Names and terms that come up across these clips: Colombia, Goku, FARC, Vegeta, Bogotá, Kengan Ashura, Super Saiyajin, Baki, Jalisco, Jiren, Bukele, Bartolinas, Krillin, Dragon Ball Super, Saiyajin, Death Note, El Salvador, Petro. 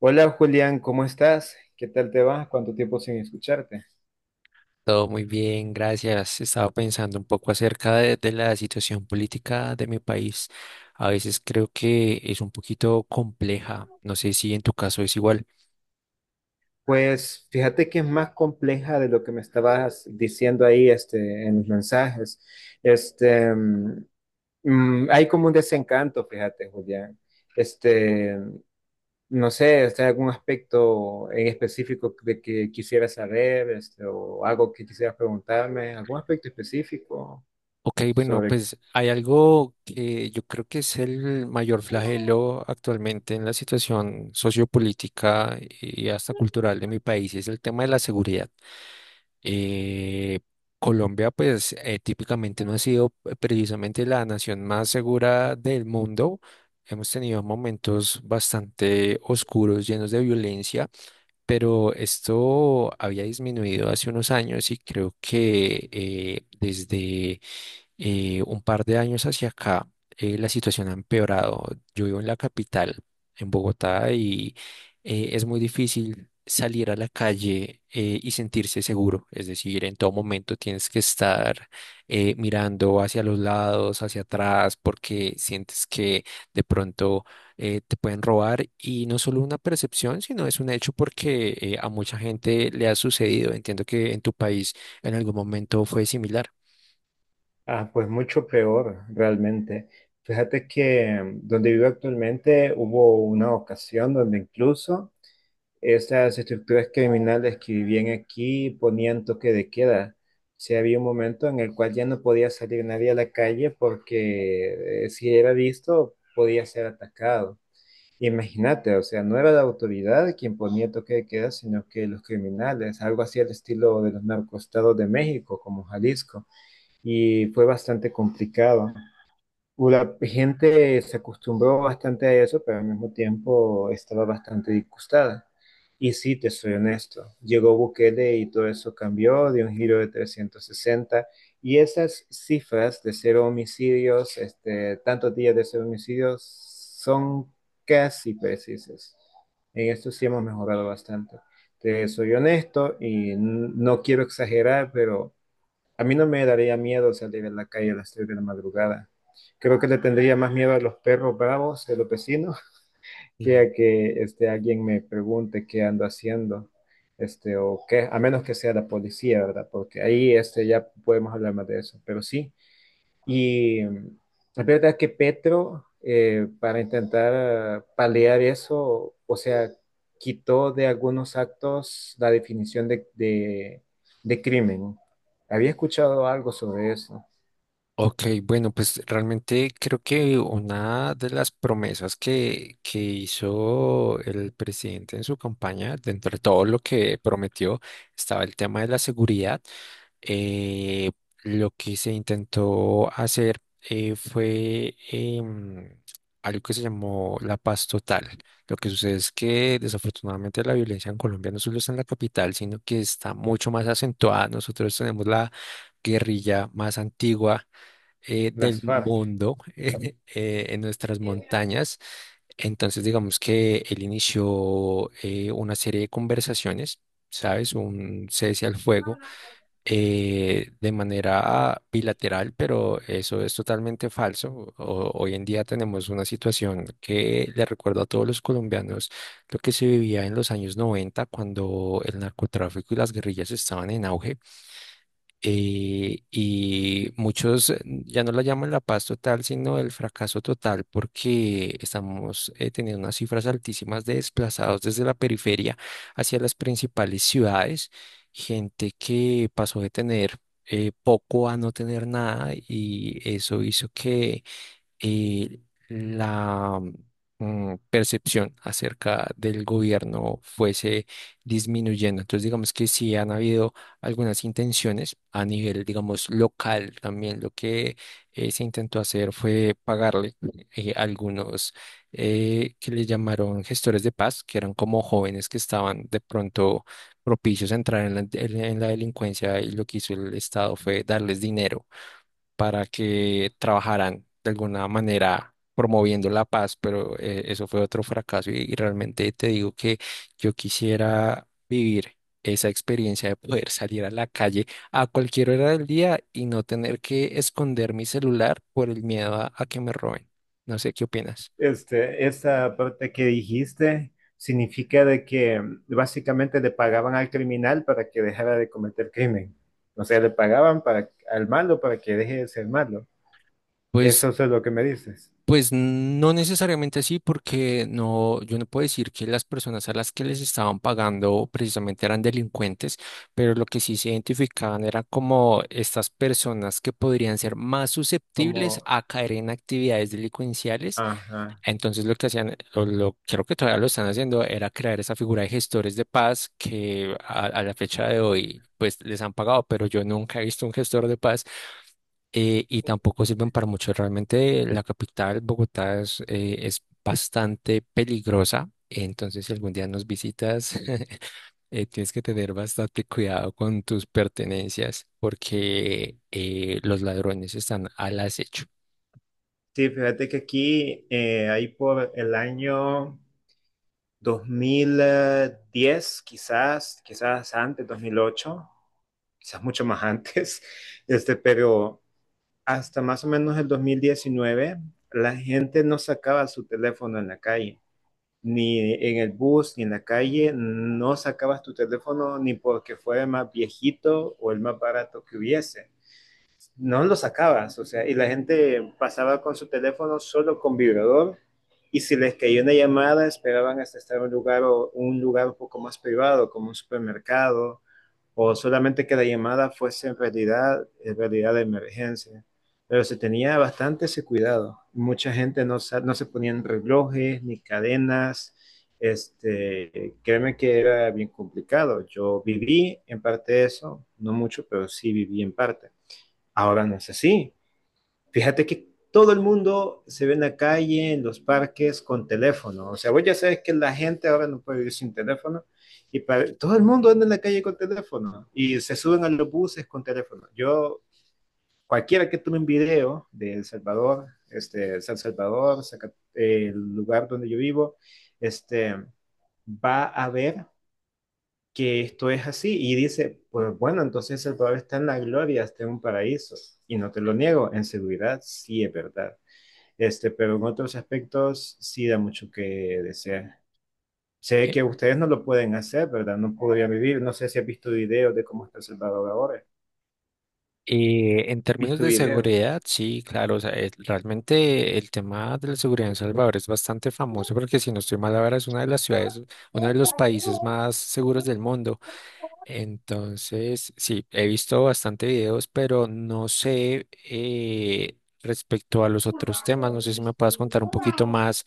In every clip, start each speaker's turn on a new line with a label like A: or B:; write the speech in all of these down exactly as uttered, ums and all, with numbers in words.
A: Hola Julián, ¿cómo estás? ¿Qué tal te va? ¿Cuánto tiempo sin escucharte?
B: Todo muy bien, gracias. Estaba pensando un poco acerca de, de la situación política de mi país. A veces creo que es un poquito compleja. No sé si en tu caso es igual.
A: Pues fíjate que es más compleja de lo que me estabas diciendo ahí este, en los mensajes. Este, mm, mm, hay como un desencanto, fíjate Julián. Este, no sé, ¿está algún aspecto en específico de que quisieras saber este, o algo que quisieras preguntarme? ¿Algún aspecto específico
B: Ok, bueno,
A: sobre…?
B: pues hay algo que yo creo que es el mayor flagelo actualmente en la situación sociopolítica y hasta cultural de mi país, y es el tema de la seguridad. Eh, Colombia, pues eh, típicamente no ha sido eh, precisamente la nación más segura del mundo. Hemos tenido momentos bastante oscuros, llenos de violencia, pero esto había disminuido hace unos años y creo que eh, desde eh, un par de años hacia acá, eh, la situación ha empeorado. Yo vivo en la capital, en Bogotá, y eh, es muy difícil salir a la calle eh, y sentirse seguro. Es decir, en todo momento tienes que estar eh, mirando hacia los lados, hacia atrás, porque sientes que de pronto eh, te pueden robar. Y no solo una percepción, sino es un hecho porque eh, a mucha gente le ha sucedido. Entiendo que en tu país en algún momento fue similar.
A: Ah, pues mucho peor, realmente. Fíjate que mm, donde vivo actualmente hubo una ocasión donde incluso esas estructuras criminales que vivían aquí ponían toque de queda. Si había un momento en el cual ya no podía salir nadie a la calle porque eh, si era visto podía ser atacado. Imagínate, o sea, no era la autoridad quien ponía toque de queda, sino que los criminales, algo así al estilo de los narcoestados de México, como Jalisco, y fue bastante complicado. La gente se acostumbró bastante a eso, pero al mismo tiempo estaba bastante disgustada. Y sí, te soy honesto, llegó Bukele y todo eso cambió, dio un giro de trescientos sesenta, y esas cifras de cero homicidios, este, tantos días de cero homicidios, son casi precisas. En esto sí hemos mejorado bastante. Te soy honesto y n- no quiero exagerar, pero a mí no me daría miedo salir a la calle a las tres de la madrugada. Creo que le tendría más miedo a los perros bravos de los vecinos que a que este, alguien me pregunte qué ando haciendo, este, o qué, a menos que sea la policía, ¿verdad? Porque ahí este, ya podemos hablar más de eso. Pero sí, y la verdad es que Petro, eh, para intentar paliar eso, o sea, quitó de algunos actos la definición de, de- de crimen. Había escuchado algo sobre eso.
B: Ok, bueno, pues realmente creo que una de las promesas que, que hizo el presidente en su campaña, dentro de todo lo que prometió, estaba el tema de la seguridad. Eh, lo que se intentó hacer eh, fue em, algo que se llamó la paz total. Lo que sucede es que desafortunadamente la violencia en Colombia no solo está en la capital, sino que está mucho más acentuada. Nosotros tenemos la guerrilla más antigua eh, del
A: Las F A R C.
B: mundo eh, eh, en nuestras montañas. Entonces, digamos que él inició eh, una serie de conversaciones, ¿sabes? Un cese al fuego eh, de manera bilateral, pero eso es totalmente falso. O- hoy en día tenemos una situación que le recuerdo a todos los colombianos lo que se vivía en los años noventa cuando el narcotráfico y las guerrillas estaban en auge eh, y muchos eh, ya no la llaman la paz total, sino el fracaso total, porque estamos eh, teniendo unas cifras altísimas de desplazados desde la periferia hacia las principales ciudades, gente que pasó de tener eh, poco a no tener nada y eso hizo que eh, la mm, percepción acerca del gobierno fuese disminuyendo. Entonces, digamos que sí han habido algunas intenciones a nivel, digamos, local también. Lo que eh, se intentó hacer fue pagarle eh, algunos eh, que le llamaron gestores de paz, que eran como jóvenes que estaban de pronto propicios a entrar en la, en la delincuencia y lo que hizo el Estado fue darles dinero para que trabajaran de alguna manera promoviendo la paz, pero eh, eso fue otro fracaso y, y realmente te digo que yo quisiera vivir esa experiencia de poder salir a la calle a cualquier hora del día y no tener que esconder mi celular por el miedo a, a que me roben. No sé qué opinas.
A: Este, esa parte que dijiste significa de que básicamente le pagaban al criminal para que dejara de cometer crimen. O sea, le pagaban para, al malo para que deje de ser malo.
B: Pues.
A: Eso es lo que me dices.
B: Pues no necesariamente así, porque no, yo no puedo decir que las personas a las que les estaban pagando precisamente eran delincuentes, pero lo que sí se identificaban eran como estas personas que podrían ser más
A: Como,
B: susceptibles a caer en actividades delincuenciales.
A: ajá.
B: Entonces lo que hacían, o lo creo que todavía lo están haciendo, era crear esa figura de gestores de paz que a, a la fecha de hoy pues les han pagado, pero yo nunca he visto un gestor de paz eh, y tampoco sirven para mucho. Realmente la capital, Bogotá, es, eh, es bastante peligrosa. Entonces, si algún día nos visitas, eh, tienes que tener bastante cuidado con tus pertenencias porque eh, los ladrones están al acecho.
A: Sí, fíjate que aquí, eh, ahí por el año dos mil diez, quizás, quizás antes, dos mil ocho, quizás mucho más antes, este, pero hasta más o menos el dos mil diecinueve, la gente no sacaba su teléfono en la calle, ni en el bus, ni en la calle. No sacabas tu teléfono ni porque fuera el más viejito o el más barato que hubiese, no lo sacabas, o sea, y la gente pasaba con su teléfono solo con vibrador, y si les caía una llamada esperaban hasta estar en un lugar o un lugar un poco más privado, como un supermercado, o solamente que la llamada fuese en realidad en realidad de emergencia. Pero se tenía bastante ese cuidado. Mucha gente no, no se ponían relojes ni cadenas. Este, créeme que era bien complicado. Yo viví en parte eso, no mucho, pero sí viví en parte. Ahora no es así. Fíjate que todo el mundo se ve en la calle, en los parques, con teléfono. O sea, vos ya sabes que la gente ahora no puede vivir sin teléfono. Y para, todo el mundo anda en la calle con teléfono. Y se suben a los buses con teléfono. Yo, cualquiera que tome un video de El Salvador, este, San Salvador, Zaca- eh, el lugar donde yo vivo, este, va a ver que esto es así. Y dice, pues bueno, entonces el Padre está en la gloria, está en un paraíso. Y no te lo niego, en seguridad sí es verdad. Este, pero en otros aspectos sí da mucho que desear. Sé que ustedes no lo pueden hacer, ¿verdad? No podrían vivir. No sé si has visto videos de cómo está El Salvador ahora.
B: Eh, en
A: ¿Has
B: términos
A: visto
B: de
A: videos?
B: seguridad, sí, claro, o sea, es- realmente el tema de la seguridad en Salvador es bastante famoso porque si no estoy mal ahora es una de las ciudades, uno de los países más seguros del mundo. Entonces, sí, he visto bastante videos, pero no sé eh, respecto a los otros temas, no sé si me puedas contar un poquito más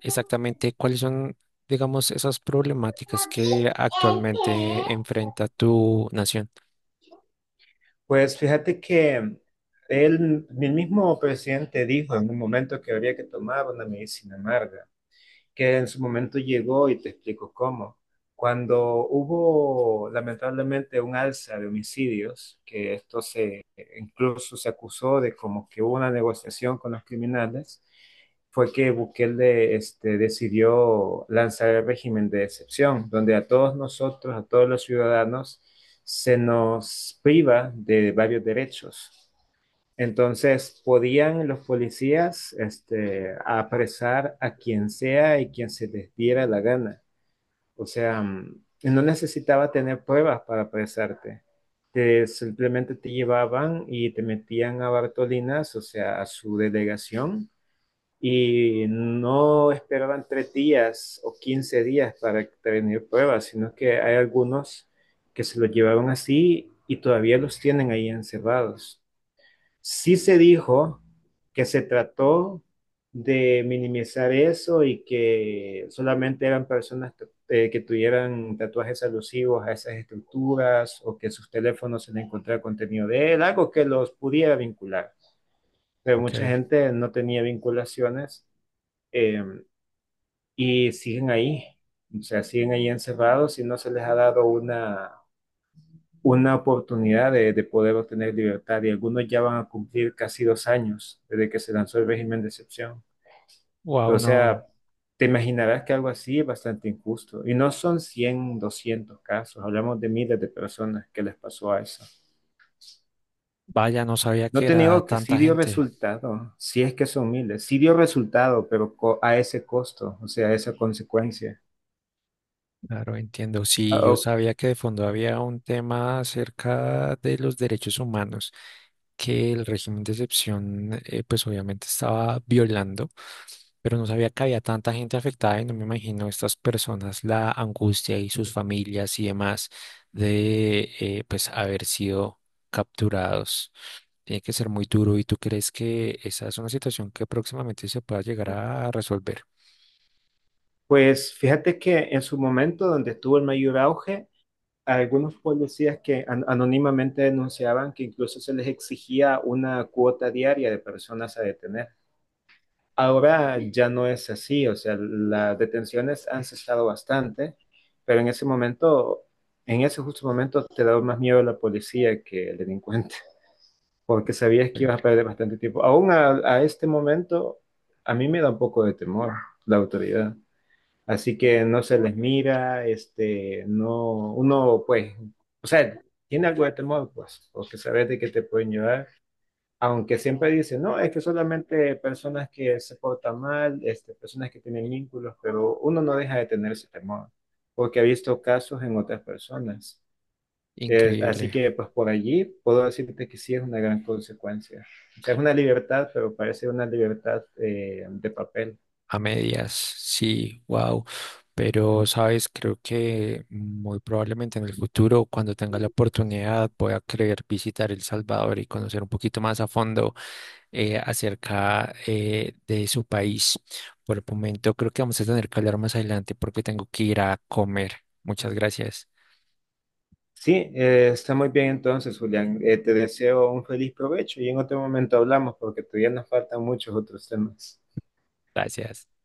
B: exactamente cuáles son, digamos, esas problemáticas que actualmente enfrenta tu nación.
A: Pues fíjate que él, el mismo presidente dijo en un momento que habría que tomar una medicina amarga, que en su momento llegó, y te explico cómo. Cuando hubo lamentablemente un alza de homicidios, que esto se, incluso se acusó de como que hubo una negociación con los criminales, fue que Bukele este, decidió lanzar el régimen de excepción, donde a todos nosotros, a todos los ciudadanos, se nos priva de varios derechos. Entonces, podían los policías este, apresar a quien sea y quien se les diera la gana. O sea, mm, no necesitaba tener pruebas para apresarte. Te, simplemente te llevaban y te metían a Bartolinas, o sea, a su delegación, y no esperaban tres días o quince días para tener pruebas, sino que hay algunos que se los llevaron así y todavía los tienen ahí encerrados. Sí se dijo que se trató de minimizar eso y que solamente eran personas eh, que tuvieran tatuajes alusivos a esas estructuras o que sus teléfonos se le encontraba contenido de él, algo que los pudiera vincular. Pero mucha
B: Ok.
A: gente no tenía vinculaciones, eh, y siguen ahí, o sea, siguen ahí encerrados y no se les ha dado una una oportunidad de, de poder obtener libertad, y algunos ya van a cumplir casi dos años desde que se lanzó el régimen de excepción.
B: Wow,
A: O
B: no.
A: sea, te imaginarás que algo así es bastante injusto. Y no son cien, doscientos casos, hablamos de miles de personas que les pasó a eso.
B: Vaya, no sabía
A: No
B: que
A: te
B: era
A: niego que sí
B: tanta
A: dio
B: gente.
A: resultado, si es que son miles, sí dio resultado, pero co- a ese costo, o sea, a esa consecuencia.
B: Claro, entiendo.
A: Ah,
B: Sí, yo
A: oh.
B: sabía que de fondo había un tema acerca de los derechos humanos que el régimen de excepción, eh, pues obviamente estaba violando, pero no sabía que había tanta gente afectada y no me imagino estas personas, la angustia y sus familias y demás de, eh, pues, haber sido capturados. Tiene que ser muy duro. ¿Y tú crees que esa es una situación que próximamente se pueda llegar a resolver?
A: Pues fíjate que en su momento donde estuvo el mayor auge, algunos policías que an- anónimamente denunciaban que incluso se les exigía una cuota diaria de personas a detener. Ahora ya no es así, o sea, las detenciones han cesado bastante, pero en ese momento, en ese justo momento, te daba más miedo la policía que el delincuente, porque sabías que ibas a perder bastante tiempo. Aún a, a este momento, a mí me da un poco de temor la autoridad. Así que no se les mira, este, no, uno pues, o sea, tiene algo de temor, pues, porque sabes de que te pueden llevar, aunque siempre dicen, no, es que solamente personas que se portan mal, este, personas que tienen vínculos, pero uno no deja de tener ese temor, porque ha visto casos en otras personas. Es- así
B: Increíble.
A: que pues por allí puedo decirte que sí es una gran consecuencia. O sea, es una libertad, pero parece una libertad eh, de papel.
B: A medias, sí, wow. Pero, sabes, creo que muy probablemente en el futuro, cuando tenga la oportunidad, voy a querer visitar El Salvador y conocer un poquito más a fondo eh, acerca eh, de su país. Por el momento, creo que vamos a tener que hablar más adelante porque tengo que ir a comer. Muchas gracias.
A: Sí, eh, está muy bien entonces, Julián. Eh, te deseo un feliz provecho y en otro momento hablamos porque todavía nos faltan muchos otros temas.
B: Gracias.